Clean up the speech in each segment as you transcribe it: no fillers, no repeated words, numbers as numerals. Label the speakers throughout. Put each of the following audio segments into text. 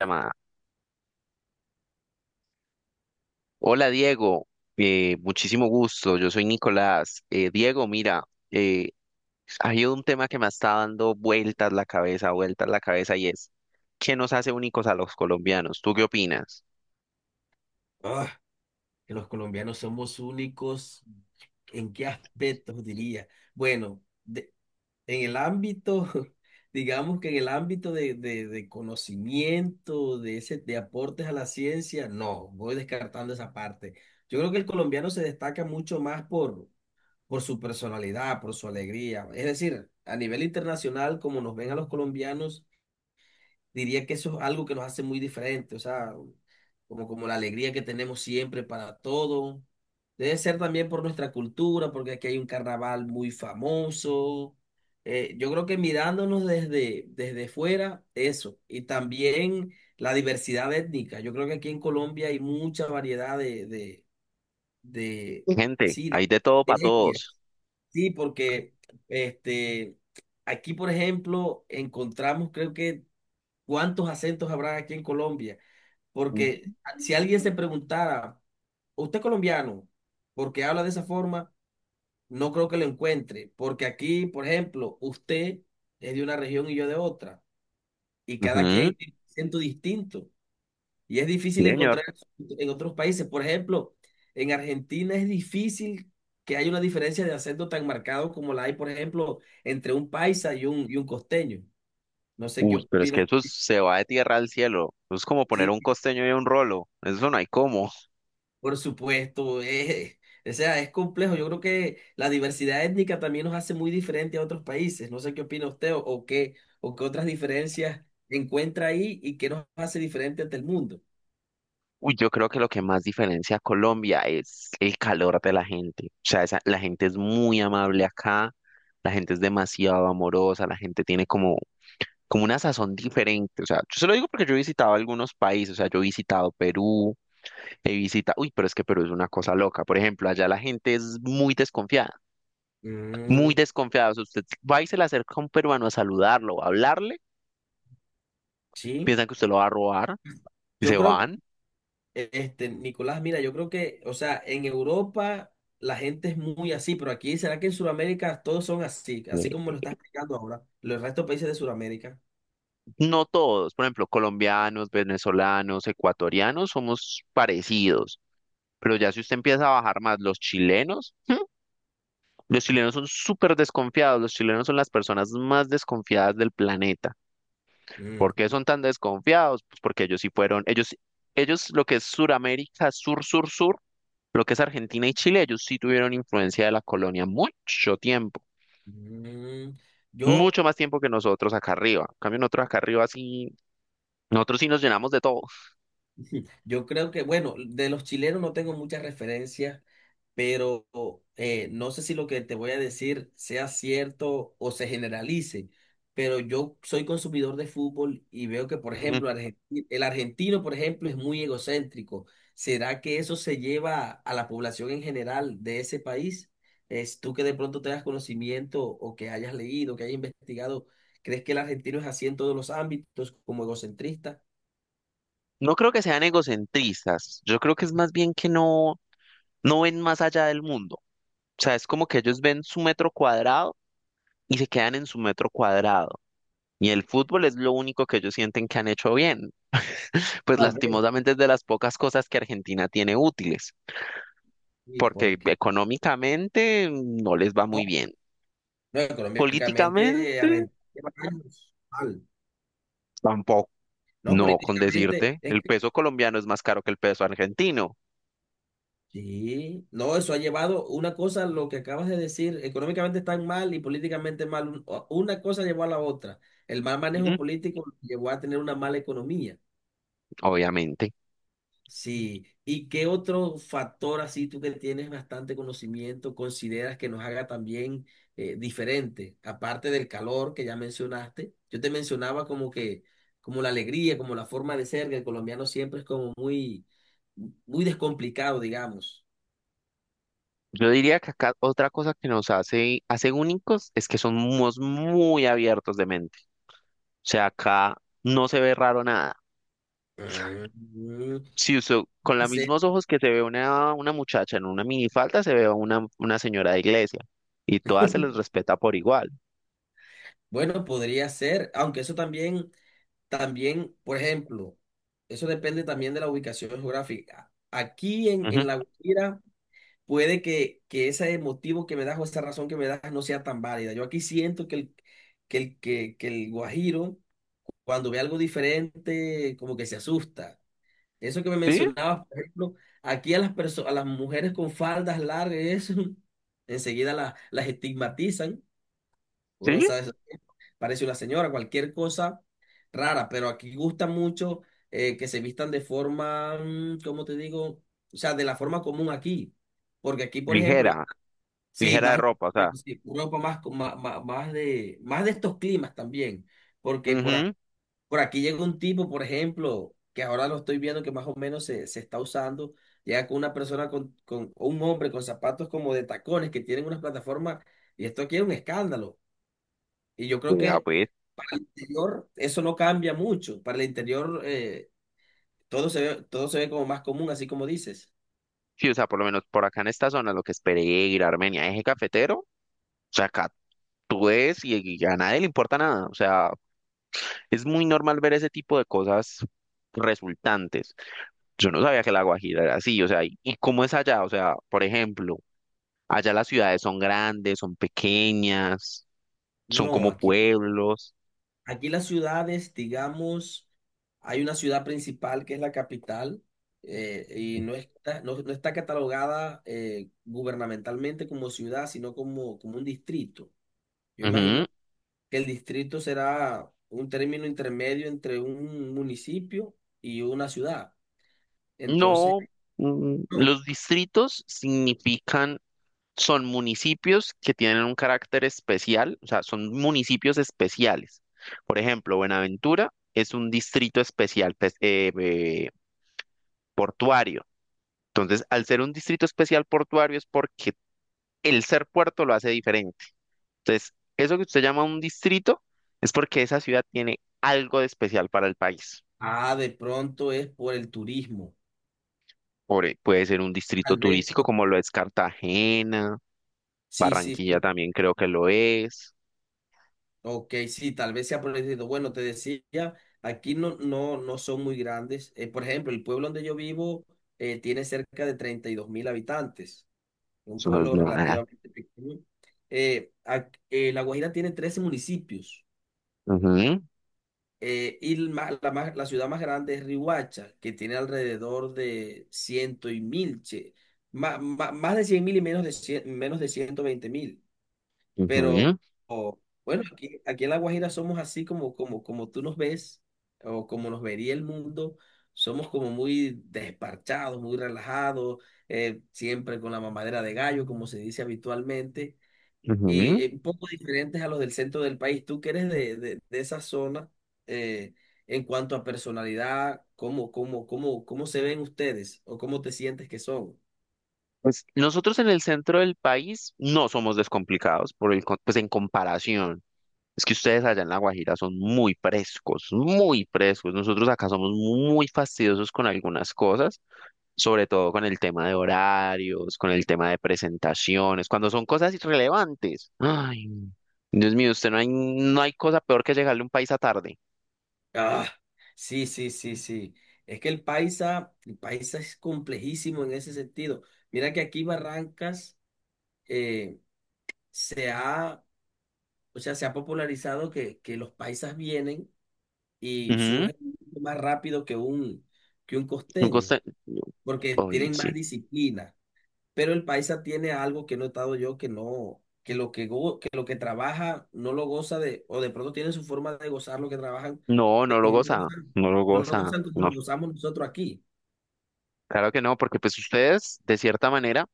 Speaker 1: Llamada. Hola, Diego. Muchísimo gusto, yo soy Nicolás. Diego, mira, eh, hay un tema que me está dando vueltas la cabeza y es, ¿qué nos hace únicos a los colombianos? ¿Tú qué opinas?
Speaker 2: Ah, que los colombianos somos únicos. ¿En qué aspectos diría? Bueno, en el ámbito, digamos que en el ámbito de conocimiento, de ese, de aportes a la ciencia, no, voy descartando esa parte. Yo creo que el colombiano se destaca mucho más por su personalidad, por su alegría. Es decir, a nivel internacional, como nos ven a los colombianos, diría que eso es algo que nos hace muy diferentes, o sea, como la alegría que tenemos siempre para todo. Debe ser también por nuestra cultura, porque aquí hay un carnaval muy famoso. Yo creo que mirándonos desde fuera, eso. Y también la diversidad étnica. Yo creo que aquí en Colombia hay mucha variedad de,
Speaker 1: Gente,
Speaker 2: sí,
Speaker 1: hay de todo para
Speaker 2: de etnias.
Speaker 1: todos.
Speaker 2: Sí, porque este, aquí, por ejemplo, encontramos, creo que cuántos acentos habrá aquí en Colombia, porque si alguien se preguntara, ¿usted es colombiano? Porque habla de esa forma, no creo que lo encuentre, porque aquí, por ejemplo, usted es de una región y yo de otra, y cada
Speaker 1: Ujú,
Speaker 2: quien tiene un acento distinto, y es
Speaker 1: sí,
Speaker 2: difícil encontrar
Speaker 1: señor.
Speaker 2: eso en otros países. Por ejemplo, en Argentina es difícil que haya una diferencia de acento tan marcado como la hay, por ejemplo, entre un paisa y y un costeño. No sé qué
Speaker 1: Uy, pero es que
Speaker 2: opinas.
Speaker 1: eso se va de tierra al cielo. Eso es como poner
Speaker 2: Sí,
Speaker 1: un costeño y un rolo. Eso no hay cómo.
Speaker 2: por supuesto, o sea, es complejo. Yo creo que la diversidad étnica también nos hace muy diferente a otros países. No sé qué opina usted o qué otras diferencias encuentra ahí y qué nos hace diferente ante el mundo.
Speaker 1: Uy, yo creo que lo que más diferencia a Colombia es el calor de la gente. O sea, la gente es muy amable acá, la gente es demasiado amorosa, la gente tiene como una sazón diferente. O sea, yo se lo digo porque yo he visitado algunos países, o sea, yo he visitado Perú, he visitado, uy, pero es que Perú es una cosa loca. Por ejemplo, allá la gente es muy desconfiada, muy
Speaker 2: Mm,
Speaker 1: desconfiada. O sea, usted va y se le acerca a un peruano a saludarlo, a hablarle,
Speaker 2: sí,
Speaker 1: piensan que usted lo va a robar y se
Speaker 2: yo creo,
Speaker 1: van.
Speaker 2: Nicolás, mira, yo creo que, o sea, en Europa la gente es muy así, pero aquí, ¿será que en Sudamérica todos son así? Así como lo estás explicando ahora, los restos de países de Sudamérica.
Speaker 1: No todos, por ejemplo, colombianos, venezolanos, ecuatorianos, somos parecidos, pero ya si usted empieza a bajar más los chilenos, ¿hmm? Los chilenos son súper desconfiados, los chilenos son las personas más desconfiadas del planeta.
Speaker 2: Mm,
Speaker 1: ¿Por qué son tan desconfiados? Pues porque ellos sí fueron, ellos lo que es Suramérica, sur, sur, sur, lo que es Argentina y Chile, ellos sí tuvieron influencia de la colonia mucho tiempo,
Speaker 2: mm, yo.
Speaker 1: mucho más tiempo que nosotros acá arriba. En cambio, nosotros acá arriba sí, nosotros sí nos llenamos de todo.
Speaker 2: Yo creo que, bueno, de los chilenos no tengo muchas referencias, pero no sé si lo que te voy a decir sea cierto o se generalice, pero yo soy consumidor de fútbol y veo que, por ejemplo, el argentino, por ejemplo, es muy egocéntrico. ¿Será que eso se lleva a la población en general de ese país? Es tú que de pronto tengas conocimiento o que hayas leído, que hayas investigado, ¿crees que el argentino es así en todos los ámbitos como egocentrista?
Speaker 1: No creo que sean egocentristas, yo creo que es más bien que no, no ven más allá del mundo. O sea, es como que ellos ven su metro cuadrado y se quedan en su metro cuadrado. Y el fútbol es lo único que ellos sienten que han hecho bien. Pues
Speaker 2: Tal vez
Speaker 1: lastimosamente es de las pocas cosas que Argentina tiene útiles,
Speaker 2: sí,
Speaker 1: porque
Speaker 2: porque.
Speaker 1: económicamente no les va muy bien.
Speaker 2: No,
Speaker 1: Políticamente
Speaker 2: económicamente Argentina lleva años mal,
Speaker 1: tampoco.
Speaker 2: ¿no?
Speaker 1: No, con
Speaker 2: Políticamente
Speaker 1: decirte,
Speaker 2: es
Speaker 1: el
Speaker 2: que
Speaker 1: peso colombiano es más caro que el peso argentino.
Speaker 2: sí, no, eso ha llevado una cosa, lo que acabas de decir, económicamente están mal y políticamente mal, una cosa llevó a la otra. El mal manejo
Speaker 1: Ujú.
Speaker 2: político llevó a tener una mala economía.
Speaker 1: Obviamente.
Speaker 2: Sí, ¿y qué otro factor así tú que tienes bastante conocimiento consideras que nos haga también diferente? Aparte del calor que ya mencionaste, yo te mencionaba como que, como la alegría, como la forma de ser, que el colombiano siempre es como muy, muy descomplicado, digamos.
Speaker 1: Yo diría que acá otra cosa que nos hace únicos es que somos muy abiertos de mente. O sea, acá no se ve raro nada.
Speaker 2: Mm,
Speaker 1: Si usted, con los
Speaker 2: sí,
Speaker 1: mismos ojos que se ve una muchacha en una minifalda, se ve a una señora de iglesia. Y todas se les respeta por igual.
Speaker 2: bueno, podría ser, aunque eso también, por ejemplo, eso depende también de la ubicación geográfica. Aquí en,
Speaker 1: Ujú.
Speaker 2: en La Guajira puede que ese motivo que me das o esa razón que me das no sea tan válida. Yo aquí siento que el guajiro, cuando ve algo diferente, como que se asusta. Eso que me
Speaker 1: Sí,
Speaker 2: mencionabas, por ejemplo, aquí a las mujeres con faldas largas, eso, enseguida las estigmatizan. Uno no
Speaker 1: sí.
Speaker 2: sabe eso, parece una señora, cualquier cosa rara, pero aquí gusta mucho que se vistan de forma, ¿cómo te digo? O sea, de la forma común aquí. Porque aquí, por ejemplo,
Speaker 1: Ligera,
Speaker 2: sí,
Speaker 1: ligera de
Speaker 2: más,
Speaker 1: ropa, o sea.
Speaker 2: sí, Europa más, más de estos climas también, porque
Speaker 1: Ujú.
Speaker 2: por aquí llega un tipo, por ejemplo, que ahora lo estoy viendo que más o menos se está usando, llega con una persona, con un hombre con zapatos como de tacones que tienen unas plataformas, y esto aquí es un escándalo. Y yo creo
Speaker 1: Vea,
Speaker 2: que
Speaker 1: pues.
Speaker 2: para el interior eso no cambia mucho, para el interior todo se ve como más común, así como dices.
Speaker 1: Sí, o sea, por lo menos por acá en esta zona, lo que es Pereira, Armenia, eje cafetero, o sea, acá tú ves y a nadie le importa nada. O sea, es muy normal ver ese tipo de cosas resultantes. Yo no sabía que la Guajira era así, o sea, ¿y cómo es allá? O sea, por ejemplo, allá las ciudades son grandes, son pequeñas, son
Speaker 2: No,
Speaker 1: como
Speaker 2: aquí
Speaker 1: pueblos.
Speaker 2: Aquí las ciudades, digamos, hay una ciudad principal que es la capital y no está catalogada gubernamentalmente como ciudad, sino como un distrito. Yo
Speaker 1: Ujú.
Speaker 2: imagino que el distrito será un término intermedio entre un municipio y una ciudad. Entonces,
Speaker 1: No,
Speaker 2: no.
Speaker 1: los distritos significan, son municipios que tienen un carácter especial, o sea, son municipios especiales. Por ejemplo, Buenaventura es un distrito especial portuario. Entonces, al ser un distrito especial portuario es porque el ser puerto lo hace diferente. Entonces, eso que usted llama un distrito es porque esa ciudad tiene algo de especial para el país.
Speaker 2: Ah, de pronto es por el turismo.
Speaker 1: Puede ser un distrito
Speaker 2: Tal vez
Speaker 1: turístico
Speaker 2: por.
Speaker 1: como lo es Cartagena,
Speaker 2: Sí, sí,
Speaker 1: Barranquilla
Speaker 2: sí.
Speaker 1: también creo que lo es.
Speaker 2: Ok, sí, tal vez sea por el distrito. Bueno, te decía, aquí no son muy grandes. Por ejemplo, el pueblo donde yo vivo tiene cerca de 32.000 habitantes, un
Speaker 1: Eso no es
Speaker 2: pueblo
Speaker 1: nada.
Speaker 2: relativamente pequeño. La Guajira tiene 13 municipios
Speaker 1: Ujú,
Speaker 2: y el ma- la, más- la ciudad más grande es Riohacha, que tiene alrededor de ciento y mil, che, ma- ma- más de 100.000 y menos de 120.000. Pero
Speaker 1: ujú,
Speaker 2: o- bueno, aquí en La Guajira somos así como tú nos ves o como nos vería el mundo. Somos como muy desparchados, muy relajados, siempre con la mamadera de gallo, como se dice habitualmente, y
Speaker 1: ujú.
Speaker 2: un poco diferentes a los del centro del país. Tú que eres de esa zona, eh, en cuanto a personalidad, ¿cómo se ven ustedes o cómo te sientes que son?
Speaker 1: Pues nosotros en el centro del país no somos descomplicados, pues en comparación. Es que ustedes allá en La Guajira son muy frescos, muy frescos. Nosotros acá somos muy fastidiosos con algunas cosas, sobre todo con el tema de horarios, con el tema de presentaciones, cuando son cosas irrelevantes. Ay, Dios mío, usted no hay, no hay cosa peor que llegarle a un país a tarde.
Speaker 2: Ah, sí, sí, sí, sí. Es que el paisa es complejísimo en ese sentido. Mira que aquí Barrancas eh, se ha, o sea, se ha popularizado que los paisas vienen y
Speaker 1: Ujú,
Speaker 2: surgen mucho más rápido que un
Speaker 1: un
Speaker 2: costeño,
Speaker 1: coste-
Speaker 2: porque
Speaker 1: Ay,
Speaker 2: tienen más
Speaker 1: sí.
Speaker 2: disciplina. Pero el paisa tiene algo que he notado yo que no, que lo que, go- que lo que trabaja no lo goza de, o de pronto tiene su forma de gozar lo que trabajan
Speaker 1: No, no lo
Speaker 2: no lo
Speaker 1: goza,
Speaker 2: usan,
Speaker 1: no lo
Speaker 2: no lo
Speaker 1: goza.
Speaker 2: usan como
Speaker 1: No,
Speaker 2: lo usamos nosotros aquí.
Speaker 1: claro que no, porque pues ustedes, de cierta manera,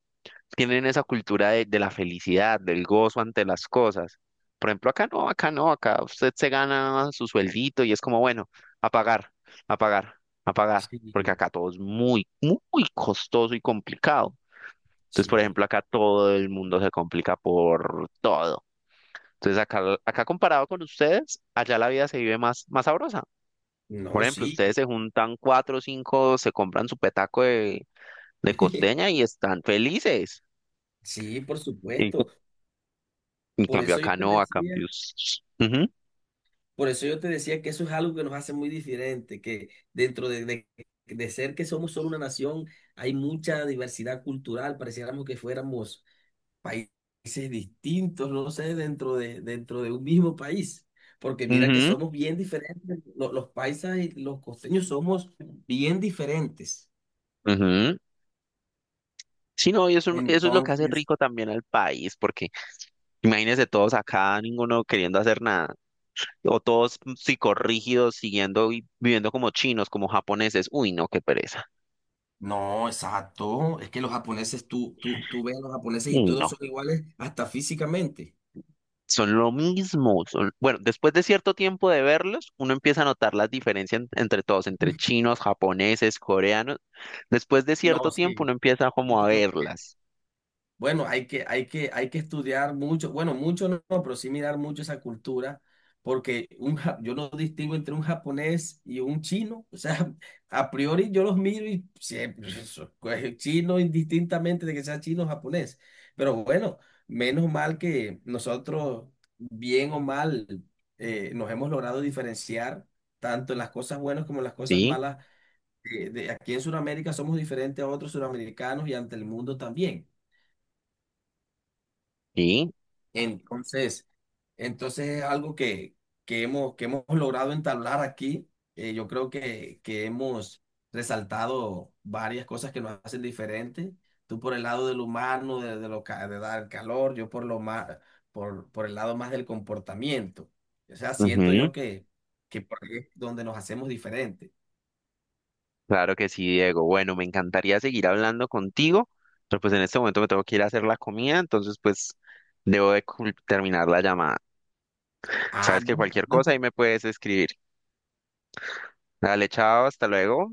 Speaker 1: tienen esa cultura de la felicidad, del gozo ante las cosas. Por ejemplo, acá no, acá no, acá usted se gana su sueldito y es como, bueno, a pagar, a pagar, a pagar,
Speaker 2: Sí,
Speaker 1: porque acá todo es muy, muy costoso y complicado. Entonces, por
Speaker 2: sí,
Speaker 1: ejemplo, acá todo el mundo se complica por todo. Entonces, acá comparado con ustedes, allá la vida se vive más, más sabrosa. Por
Speaker 2: no,
Speaker 1: ejemplo,
Speaker 2: sí,
Speaker 1: ustedes se juntan cuatro o cinco, se compran su petaco de costeña y están felices.
Speaker 2: sí, por supuesto.
Speaker 1: En
Speaker 2: Por
Speaker 1: cambio
Speaker 2: eso yo
Speaker 1: acá
Speaker 2: te
Speaker 1: no, a
Speaker 2: decía,
Speaker 1: cambio. Ujú,
Speaker 2: que eso es algo que nos hace muy diferente, que dentro de ser que somos solo una nación, hay mucha diversidad cultural, pareciéramos que fuéramos países distintos, no sé, dentro de un mismo país. Porque mira que
Speaker 1: ujú,
Speaker 2: somos bien diferentes, los paisas y los costeños somos bien diferentes.
Speaker 1: ujú. Sí, no, y eso es lo que hace
Speaker 2: Entonces,
Speaker 1: rico también al país, porque imagínense todos acá, ninguno queriendo hacer nada, o todos psicorrígidos, siguiendo y viviendo como chinos, como japoneses. Uy, no, qué pereza.
Speaker 2: no, exacto. Es que los japoneses, tú ves a los japoneses y
Speaker 1: Uy,
Speaker 2: todos
Speaker 1: no.
Speaker 2: son iguales hasta físicamente.
Speaker 1: Son lo mismo. Bueno, después de cierto tiempo de verlos, uno empieza a notar las diferencias entre todos, entre chinos, japoneses, coreanos. Después de
Speaker 2: No,
Speaker 1: cierto tiempo,
Speaker 2: sí.
Speaker 1: uno empieza como a verlas,
Speaker 2: Bueno, hay que estudiar mucho, bueno, mucho no, no, pero sí mirar mucho esa cultura, porque yo no distingo entre un japonés y un chino, o sea, a priori yo los miro y siempre, eso, pues, chino indistintamente de que sea chino o japonés, pero bueno, menos mal que nosotros, bien o mal, nos hemos logrado diferenciar tanto en las cosas buenas como en las cosas
Speaker 1: ¿sí?
Speaker 2: malas. Aquí en Sudamérica somos diferentes a otros sudamericanos y ante el mundo también.
Speaker 1: Sí.
Speaker 2: Entonces, es algo que hemos logrado entablar aquí. Yo creo que hemos resaltado varias cosas que nos hacen diferentes. Tú por el lado del humano, de dar calor, yo por el lado más del comportamiento. O sea, siento
Speaker 1: Ujú.
Speaker 2: yo que por ahí es donde nos hacemos diferentes.
Speaker 1: Claro que sí, Diego. Bueno, me encantaría seguir hablando contigo, pero pues en este momento me tengo que ir a hacer la comida, entonces pues debo de terminar la llamada.
Speaker 2: Ah,
Speaker 1: Sabes que
Speaker 2: no.
Speaker 1: cualquier cosa ahí me puedes escribir. Dale, chao, hasta luego.